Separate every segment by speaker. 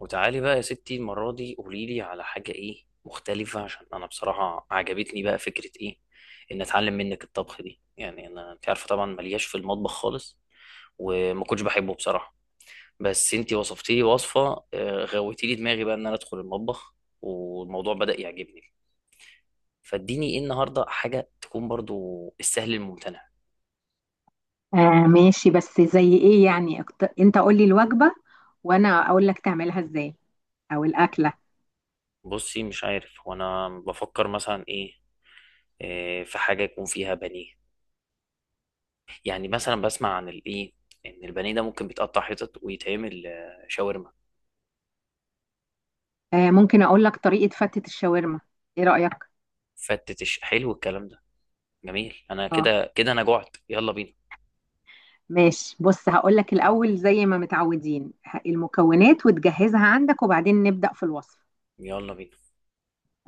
Speaker 1: وتعالي بقى يا ستي، المرة دي قوليلي على حاجة ايه مختلفة، عشان انا بصراحة عجبتني بقى فكرة ايه ان اتعلم منك الطبخ دي. يعني انا انت عارفة طبعا ملياش في المطبخ خالص، وما كنتش بحبه بصراحة. بس انت وصفتي لي وصفة، غويتي لي دماغي بقى ان انا ادخل المطبخ، والموضوع بدأ يعجبني. فاديني ايه النهاردة حاجة تكون برضو السهل الممتنع.
Speaker 2: آه، ماشي. بس زي ايه يعني، انت قولي الوجبة وانا اقول لك تعملها ازاي، او الاكلة.
Speaker 1: بصي مش عارف، وانا بفكر مثلا ايه، في حاجة يكون فيها بانيه. يعني مثلا بسمع عن الايه، ان البانيه ده ممكن بيتقطع حتت ويتعمل شاورما.
Speaker 2: آه، ممكن اقول لك طريقة فتة الشاورما. ايه رأيك؟
Speaker 1: فتتش حلو الكلام ده، جميل. انا
Speaker 2: اه
Speaker 1: كده كده انا جعت، يلا بينا.
Speaker 2: ماشي، بص هقول لك الاول زي ما متعودين، المكونات وتجهزها عندك وبعدين نبدأ في الوصف.
Speaker 1: يلا بينا.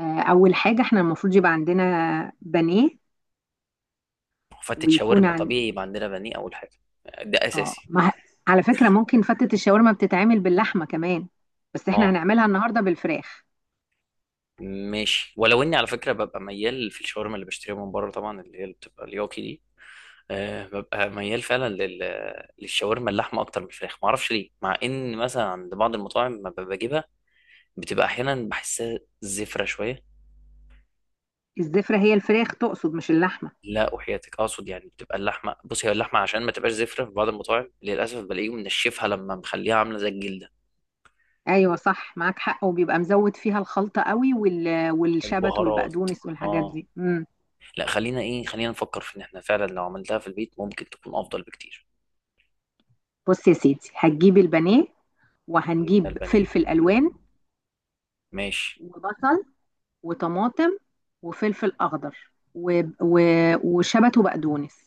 Speaker 2: آه، اول حاجة احنا المفروض يبقى عندنا بانيه
Speaker 1: فتت
Speaker 2: ويكون
Speaker 1: شاورما
Speaker 2: عن.
Speaker 1: طبيعي يبقى عندنا بانيه اول حاجه، ده
Speaker 2: اه،
Speaker 1: اساسي.
Speaker 2: ما... ه- على فكرة ممكن فتة الشاورما بتتعمل باللحمة كمان، بس احنا
Speaker 1: اه
Speaker 2: هنعملها النهاردة بالفراخ.
Speaker 1: ماشي، ولو اني على فكره ببقى ميال في الشاورما اللي بشتريها من بره، طبعا اللي هي اللي بتبقى الياكي دي. ببقى ميال فعلا للشاورما اللحمه اكتر من الفراخ، معرفش ليه، مع ان مثلا عند بعض المطاعم ما بجيبها بتبقى احيانا بحسها زفره شويه.
Speaker 2: الزفرة هي الفراخ تقصد، مش اللحمة؟
Speaker 1: لا وحياتك، اقصد يعني بتبقى اللحمه، بصي هي اللحمه عشان ما تبقاش زفره. في بعض المطاعم للاسف بلاقيهم منشفها لما مخليها عامله زي الجلده.
Speaker 2: ايوه صح، معاك حق. وبيبقى مزود فيها الخلطه قوي والشبت
Speaker 1: البهارات.
Speaker 2: والبقدونس والحاجات
Speaker 1: اه.
Speaker 2: دي.
Speaker 1: لا خلينا ايه، خلينا نفكر في ان احنا فعلا لو عملتها في البيت ممكن تكون افضل بكتير.
Speaker 2: بص يا سيدي، هتجيب البانيه
Speaker 1: جبنا
Speaker 2: وهنجيب
Speaker 1: البانيه،
Speaker 2: فلفل الوان
Speaker 1: ماشي.
Speaker 2: وبصل وطماطم وفلفل اخضر وشبت وبقدونس،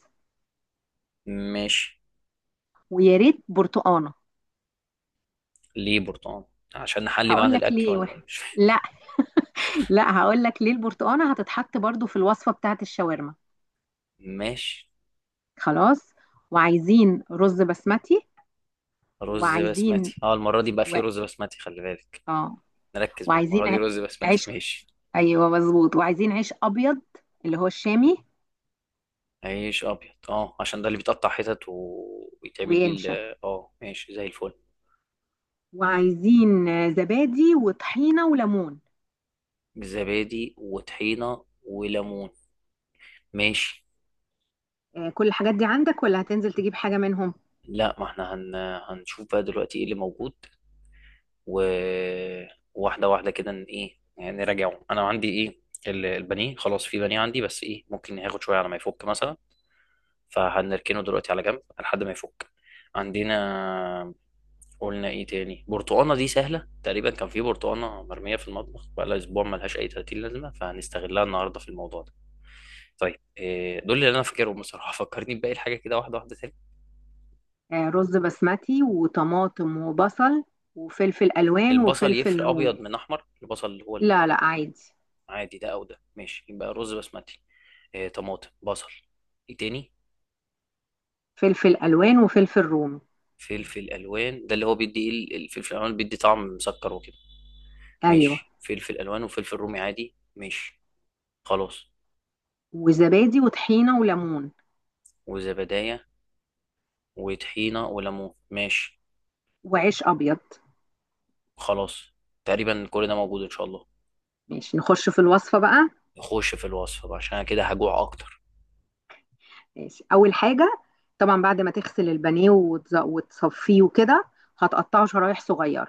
Speaker 1: ماشي.
Speaker 2: ويا ريت برتقانه.
Speaker 1: ليه برتقال؟ عشان نحلي بعد
Speaker 2: هقول لك
Speaker 1: الاكل
Speaker 2: ليه،
Speaker 1: ولا
Speaker 2: واحد.
Speaker 1: ايه؟ مش فاهم.
Speaker 2: لا، لا، هقول لك ليه البرتقانه هتتحط برضو في الوصفه بتاعت الشاورما.
Speaker 1: ماشي.
Speaker 2: خلاص، وعايزين رز بسمتي
Speaker 1: رز
Speaker 2: وعايزين
Speaker 1: بسمتي، اه المره دي بقى
Speaker 2: و...
Speaker 1: في رز بسمتي، خلي بالك.
Speaker 2: اه
Speaker 1: نركز بقى المره
Speaker 2: وعايزين
Speaker 1: دي،
Speaker 2: ع-
Speaker 1: رز بسمتي
Speaker 2: عيش.
Speaker 1: ماشي.
Speaker 2: ايوه مظبوط، وعايزين عيش ابيض اللي هو الشامي
Speaker 1: عيش ابيض اه، عشان ده اللي بيتقطع حتت ويتعمل بيه
Speaker 2: وينشف.
Speaker 1: اه ماشي زي الفل.
Speaker 2: وعايزين زبادي وطحينه وليمون.
Speaker 1: بالزبادي وطحينه وليمون، ماشي.
Speaker 2: كل الحاجات دي عندك ولا هتنزل تجيب حاجه منهم؟
Speaker 1: لا ما احنا هن... هنشوف بقى دلوقتي ايه اللي موجود، و... واحده واحده كده ايه يعني نراجعه، انا عندي ايه. البانيه خلاص في بانيه عندي، بس ايه ممكن ياخد شويه على ما يفك مثلا، فهنركنه دلوقتي على جنب لحد ما يفك. عندنا، قلنا ايه تاني؟ برتقانه، دي سهله تقريبا، كان في برتقانه مرميه في المطبخ بقالها اسبوع ملهاش اي 30 لازمه، فهنستغلها النهارده في الموضوع ده. طيب إيه دول اللي انا فاكرهم بصراحه؟ فكرني بباقي الحاجه كده واحده واحده تاني.
Speaker 2: رز بسمتي وطماطم وبصل وفلفل الوان
Speaker 1: البصل
Speaker 2: وفلفل
Speaker 1: يفرق
Speaker 2: رومي.
Speaker 1: ابيض من احمر؟ البصل اللي هو
Speaker 2: لا، لا، عادي.
Speaker 1: العادي ده، او ده ماشي. يبقى رز بسمتي، إيه، طماطم، بصل، ايه تاني؟
Speaker 2: فلفل الوان وفلفل رومي.
Speaker 1: فلفل الوان، ده اللي هو بيدي ايه، الفلفل الالوان بيدي طعم مسكر وكده.
Speaker 2: ايوه،
Speaker 1: ماشي، فلفل الوان وفلفل رومي عادي، ماشي، خلاص.
Speaker 2: وزبادي وطحينه وليمون
Speaker 1: وزبدايه وطحينه وليمون، ماشي.
Speaker 2: وعيش ابيض.
Speaker 1: خلاص. تقريبا كل ده موجود ان شاء الله.
Speaker 2: ماشي، نخش في الوصفه بقى.
Speaker 1: نخش في الوصفه بقى، عشان أنا كده هجوع اكتر.
Speaker 2: ماشي، اول حاجه طبعا بعد ما تغسل البانيه وتصفيه وكده، هتقطعه شرايح صغيره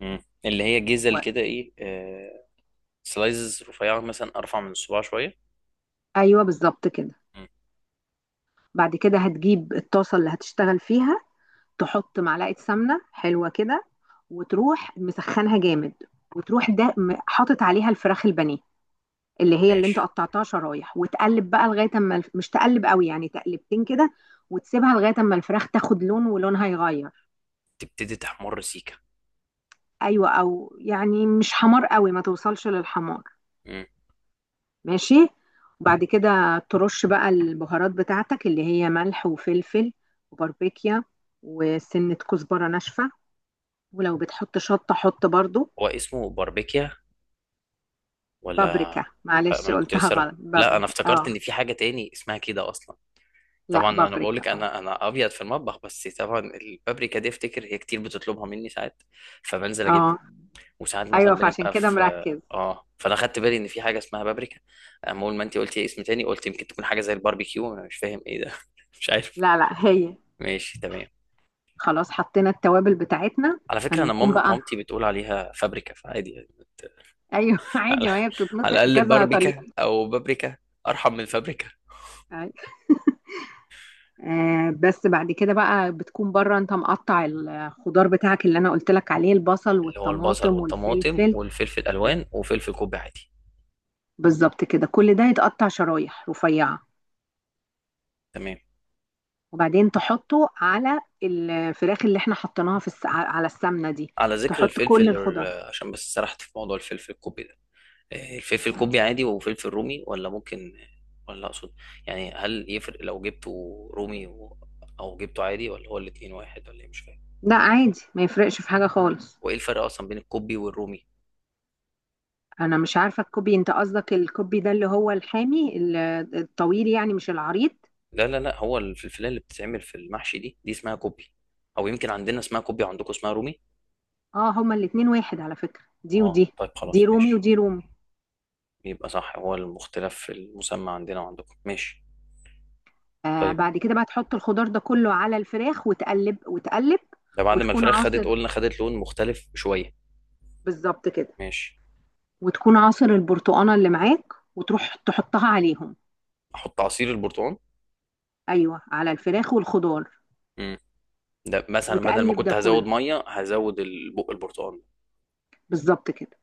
Speaker 1: مم. اللي هي جزل
Speaker 2: و...
Speaker 1: كده، ايه، سلايزز رفيعه، مثلا ارفع من الصباع شويه.
Speaker 2: ايوه بالظبط كده.
Speaker 1: مم.
Speaker 2: بعد كده هتجيب الطاسه اللي هتشتغل فيها، تحط معلقه سمنه حلوه كده وتروح مسخنها جامد، وتروح حاطط عليها الفراخ البانيه اللي هي اللي انت
Speaker 1: ماشي.
Speaker 2: قطعتها شرايح، وتقلب بقى لغايه اما مش تقلب قوي، يعني تقلبتين كده. وتسيبها لغايه اما الفراخ تاخد لون ولونها يغير.
Speaker 1: تبتدي تحمر سيكه.
Speaker 2: ايوه، او يعني مش حمار قوي، ما توصلش للحمار.
Speaker 1: مم.
Speaker 2: ماشي. وبعد كده ترش بقى البهارات بتاعتك اللي هي ملح وفلفل وباربيكيا وسنة كزبرة ناشفة، ولو بتحط شطة حط برضو.
Speaker 1: هو اسمه باربيكيا ولا؟
Speaker 2: بابريكا،
Speaker 1: لا، ما
Speaker 2: معلش
Speaker 1: انا كنت
Speaker 2: قلتها
Speaker 1: لسه راح-
Speaker 2: غلط،
Speaker 1: لا انا
Speaker 2: بابريكا،
Speaker 1: افتكرت
Speaker 2: اه.
Speaker 1: ان في حاجه تاني اسمها كده اصلا.
Speaker 2: لا،
Speaker 1: طبعا ما انا بقول
Speaker 2: بابريكا،
Speaker 1: لك،
Speaker 2: اه.
Speaker 1: انا ابيض في المطبخ، بس طبعا البابريكا دي افتكر هي كتير بتطلبها مني ساعات، فبنزل اجيبها.
Speaker 2: اه.
Speaker 1: وساعات
Speaker 2: ايوه،
Speaker 1: مثلا
Speaker 2: فعشان
Speaker 1: بنبقى
Speaker 2: كده
Speaker 1: في.
Speaker 2: مركز.
Speaker 1: اه، فانا خدت بالي ان في حاجه اسمها بابريكا. أما اول ما انت قلتي اسم تاني قلت يمكن تكون حاجه زي الباربيكيو، انا مش فاهم ايه ده مش عارف.
Speaker 2: لا، لا، هي.
Speaker 1: ماشي تمام.
Speaker 2: خلاص، حطينا التوابل بتاعتنا.
Speaker 1: على فكره انا
Speaker 2: هنكون بقى.
Speaker 1: مامتي بتقول عليها فابريكا، فعادي يعني
Speaker 2: ايوه
Speaker 1: على،
Speaker 2: عادي، ما هي
Speaker 1: على
Speaker 2: بتتنطق
Speaker 1: الاقل
Speaker 2: كذا طريقة.
Speaker 1: باربيكا او بابريكا ارحم من فابريكا.
Speaker 2: بس بعد كده بقى، بتكون بره انت مقطع الخضار بتاعك اللي انا قلت لك عليه، البصل
Speaker 1: اللي هو البصل
Speaker 2: والطماطم
Speaker 1: والطماطم
Speaker 2: والفلفل.
Speaker 1: والفلفل
Speaker 2: مم.
Speaker 1: الالوان وفلفل كوب عادي.
Speaker 2: بالظبط كده، كل ده يتقطع شرايح رفيعة،
Speaker 1: تمام.
Speaker 2: وبعدين تحطه على الفراخ اللي احنا حطيناها على السمنة دي.
Speaker 1: على ذكر
Speaker 2: تحط كل
Speaker 1: الفلفل
Speaker 2: الخضار.
Speaker 1: عشان بس سرحت في موضوع الفلفل الكوبي ده، إيه، الفلفل الكوبي عادي وفلفل رومي، ولا ممكن، ولا اقصد يعني هل يفرق لو جبته رومي او جبته عادي، ولا هو الاتنين واحد ولا ايه؟ مش فاهم.
Speaker 2: لا عادي، ما يفرقش في حاجة خالص.
Speaker 1: وايه الفرق اصلا بين الكوبي والرومي؟
Speaker 2: انا مش عارفة الكوبي، انت قصدك الكوبي ده اللي هو الحامي، الطويل يعني، مش العريض.
Speaker 1: لا هو الفلفلايه اللي بتتعمل في المحشي دي اسمها كوبي. او يمكن عندنا اسمها كوبي وعندكم اسمها رومي.
Speaker 2: اه، هما الاتنين واحد على فكرة، دي
Speaker 1: اه
Speaker 2: ودي.
Speaker 1: طيب
Speaker 2: دي
Speaker 1: خلاص
Speaker 2: رومي
Speaker 1: ماشي.
Speaker 2: ودي رومي.
Speaker 1: يبقى صح، هو المختلف في المسمى عندنا وعندكم، ماشي.
Speaker 2: آه،
Speaker 1: طيب
Speaker 2: بعد كده بقى تحط الخضار ده كله على الفراخ وتقلب وتقلب
Speaker 1: ده بعد ما
Speaker 2: وتكون
Speaker 1: الفراخ خدت،
Speaker 2: عاصر.
Speaker 1: قلنا خدت لون مختلف شوية.
Speaker 2: بالظبط كده.
Speaker 1: ماشي.
Speaker 2: وتكون عاصر البرتقانه اللي معاك وتروح تحطها عليهم.
Speaker 1: احط عصير البرتقال.
Speaker 2: ايوه، على الفراخ والخضار.
Speaker 1: امم. ده مثلا بدل ما
Speaker 2: وتقلب ده
Speaker 1: كنت هزود
Speaker 2: كله،
Speaker 1: ميه هزود البق البرتقال.
Speaker 2: بالظبط كده.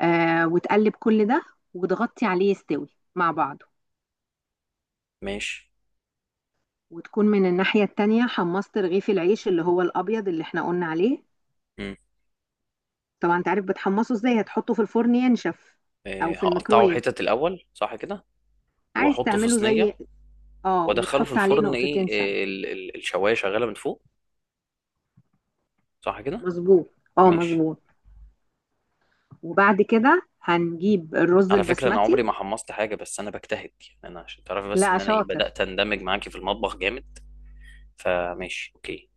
Speaker 2: آه، وتقلب كل ده وتغطي عليه يستوي مع بعضه.
Speaker 1: ماشي.
Speaker 2: وتكون من الناحيه التانيه حمصت رغيف العيش اللي هو الابيض اللي احنا قلنا عليه.
Speaker 1: امم.
Speaker 2: طبعا انت عارف بتحمصه ازاي، هتحطه في الفرن ينشف او في
Speaker 1: هقطعه
Speaker 2: الميكرويف.
Speaker 1: حتت الاول، صح كده؟
Speaker 2: عايز
Speaker 1: واحطه في
Speaker 2: تعمله زي.
Speaker 1: صينيه
Speaker 2: اه،
Speaker 1: وادخله في
Speaker 2: وتحط عليه
Speaker 1: الفرن، ايه
Speaker 2: نقطتين سمنه.
Speaker 1: الشوايه شغاله من فوق، صح كده؟
Speaker 2: مظبوط، اه
Speaker 1: ماشي.
Speaker 2: مظبوط. وبعد كده هنجيب الرز
Speaker 1: على فكره انا
Speaker 2: البسمتي.
Speaker 1: عمري ما حمصت حاجه، بس انا بجتهد يعني، انا عشان تعرفي بس
Speaker 2: لا،
Speaker 1: ان انا ايه
Speaker 2: شاطر.
Speaker 1: بدات اندمج معاكي في المطبخ جامد. فماشي اوكي.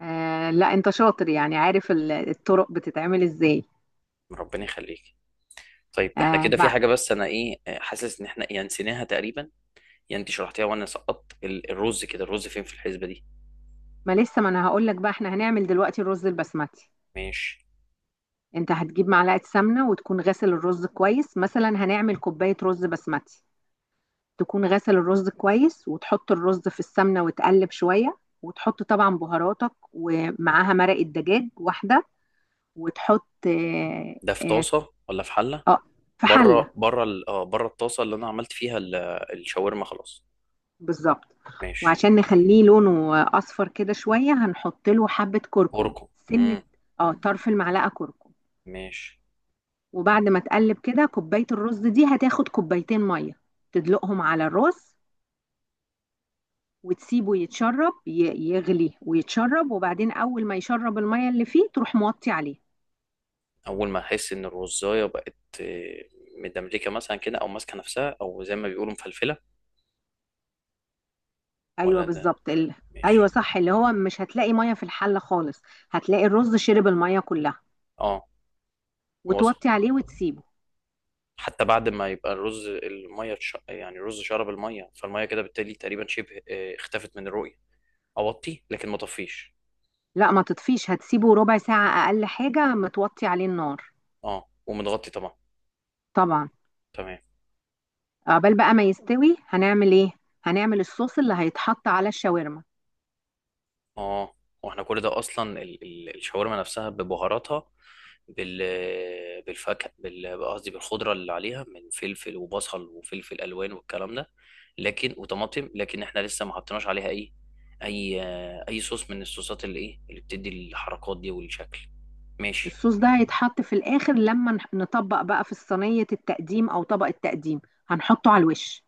Speaker 2: آه لا، انت شاطر، يعني عارف الطرق بتتعمل ازاي.
Speaker 1: ربنا يخليك. طيب احنا
Speaker 2: آه
Speaker 1: كده في
Speaker 2: بقى،
Speaker 1: حاجه، بس انا ايه حاسس ان احنا يعني نسيناها تقريبا. يعني انت شرحتيها وانا سقطت الرز، كده الرز فين في الحسبه دي؟
Speaker 2: ما لسه، ما انا هقول لك بقى احنا هنعمل دلوقتي الرز البسمتي.
Speaker 1: ماشي.
Speaker 2: انت هتجيب معلقة سمنة وتكون غسل الرز كويس، مثلا هنعمل كوباية رز بسمتي. تكون غسل الرز كويس وتحط الرز في السمنة وتقلب شوية، وتحط طبعا بهاراتك ومعاها مرق الدجاج واحدة. وتحط.
Speaker 1: ده في
Speaker 2: آه
Speaker 1: طاسه ولا في حله؟
Speaker 2: آه، في حلة.
Speaker 1: بره بره ال- اه بره الطاسه اللي انا عملت فيها الشاورما خلاص.
Speaker 2: بالظبط.
Speaker 1: ماشي.
Speaker 2: وعشان نخليه لونه اصفر كده شويه، هنحط له حبه كركم
Speaker 1: اركن.
Speaker 2: سنه.
Speaker 1: امم.
Speaker 2: اه، طرف المعلقه كركم.
Speaker 1: ماشي.
Speaker 2: وبعد ما تقلب كده، كوبايه الرز دي هتاخد كوبايتين ميه، تدلقهم على الرز وتسيبه يتشرب، يغلي ويتشرب، وبعدين اول ما يشرب الميه اللي فيه تروح موطي عليه.
Speaker 1: اول ما احس ان الرزايه بقت مدملكه مثلا كده، او ماسكه نفسها، او زي ما بيقولوا مفلفله، ولا
Speaker 2: ايوه
Speaker 1: ده؟
Speaker 2: بالظبط. ايوه
Speaker 1: ماشي.
Speaker 2: صح، اللي هو مش هتلاقي ميه في الحله خالص، هتلاقي الرز شرب الميه كلها.
Speaker 1: اه، وصل.
Speaker 2: وتوطي عليه وتسيبه.
Speaker 1: حتى بعد ما يبقى الرز الميه يعني الرز شرب الميه، فالميه كده بالتالي تقريبا شبه اختفت من الرؤيه. اوطي لكن ما طفيش.
Speaker 2: لا ما تطفيش، هتسيبه ربع ساعة أقل حاجة متوطي عليه النار.
Speaker 1: اه، ومتغطي طبعا.
Speaker 2: طبعا.
Speaker 1: تمام.
Speaker 2: عقبال بقى ما يستوي، هنعمل إيه؟ هنعمل الصوص اللي هيتحط على الشاورما.
Speaker 1: اه. واحنا كل ده اصلا الشاورما نفسها ببهاراتها، بال بالفاكهه، قصدي بالخضره اللي عليها من فلفل وبصل وفلفل الوان والكلام ده، لكن وطماطم، لكن احنا لسه ما حطيناش عليها اي، اي اي صوص من الصوصات اللي ايه اللي بتدي الحركات دي والشكل. ماشي.
Speaker 2: الصوص ده هيتحط في الآخر، لما نطبق بقى في صينية التقديم أو طبق التقديم، هنحطه على الوش.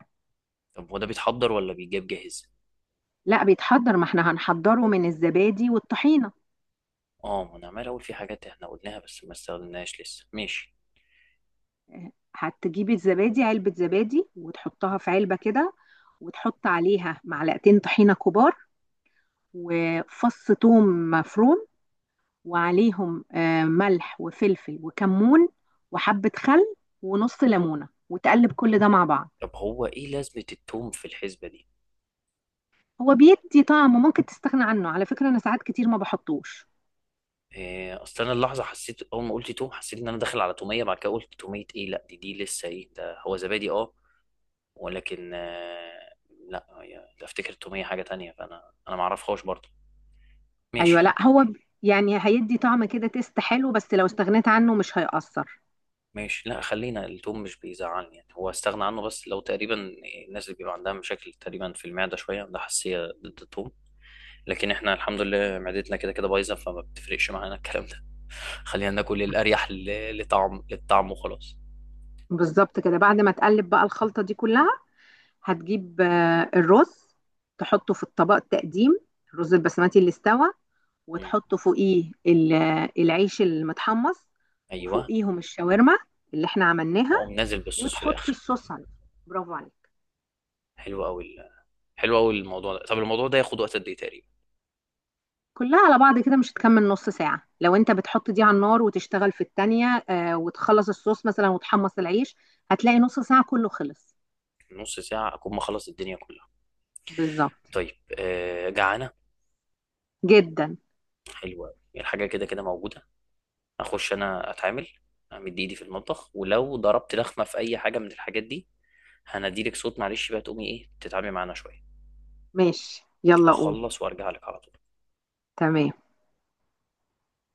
Speaker 1: طب هو ده بيتحضر ولا بيجاب جاهز؟
Speaker 2: لا بيتحضر، ما احنا هنحضره من الزبادي والطحينة.
Speaker 1: اه، ما انا عمال اقول في حاجات احنا قلناها بس ما استخدمناهاش لسه. ماشي.
Speaker 2: هتجيبي الزبادي، علبة زبادي وتحطها في علبة كده، وتحط عليها معلقتين طحينة كبار وفص ثوم مفروم، وعليهم ملح وفلفل وكمون وحبة خل ونص ليمونة، وتقلب كل ده مع بعض.
Speaker 1: طب هو ايه لازمة التوم في الحسبة دي؟
Speaker 2: هو بيدي طعم، ممكن تستغنى عنه على فكرة، أنا ساعات كتير ما بحطوش.
Speaker 1: إيه، اصل انا اللحظه حسيت اول ما قلت توم، حسيت ان انا داخل على توميه، بعد كده قلت توميه ايه، لا دي لسه ايه ده هو زبادي اه. ولكن لا ده افتكر التوميه حاجه تانية، فانا ما اعرفهاش برضه. ماشي.
Speaker 2: أيوة لا، هو. يعني هيدي طعم كده، تيست حلو، بس لو استغنيت عنه مش هيأثر.
Speaker 1: ماشي. لا خلينا التوم، مش بيزعلني يعني هو، استغنى عنه. بس لو تقريبا الناس اللي بيبقى عندها مشاكل تقريبا في المعده شويه عندها حساسيه ضد التوم، لكن احنا الحمد لله معدتنا كده كده بايظه فما بتفرقش معانا الكلام ده خلينا ناكل الاريح لطعم للطعم وخلاص.
Speaker 2: بالظبط كده. بعد ما تقلب بقى الخلطة دي كلها، هتجيب الرز، تحطه في الطبق التقديم، الرز البسمتي اللي استوى،
Speaker 1: مم.
Speaker 2: وتحط فوقيه العيش المتحمص،
Speaker 1: ايوه.
Speaker 2: وفوقيهم الشاورما اللي احنا عملناها،
Speaker 1: واقوم نازل بالصوص في
Speaker 2: وتحط
Speaker 1: الاخر.
Speaker 2: الصوص عليه. برافو عليك.
Speaker 1: حلو قوي حلو قوي الموضوع ده. طب الموضوع ده ياخد وقت قد ايه تقريبا؟
Speaker 2: كلها على بعض كده مش هتكمل نص ساعة، لو انت بتحط دي على النار وتشتغل في التانية، وتخلص الصوص مثلا وتحمص العيش، هتلاقي نص ساعة كله خلص.
Speaker 1: نص ساعه اكون مخلص الدنيا كلها.
Speaker 2: بالظبط.
Speaker 1: طيب آه جعانه.
Speaker 2: جدا.
Speaker 1: حلو قوي، الحاجه كده كده موجوده. اخش انا اتعامل، امد ايدي في المطبخ، ولو ضربت لخمه في اي حاجه من الحاجات دي هنديلك صوت. معلش بقى تقومي ايه تتعاملي معانا شويه.
Speaker 2: ماشي، يلا قوم.
Speaker 1: هخلص وارجع لك على طول.
Speaker 2: تمام.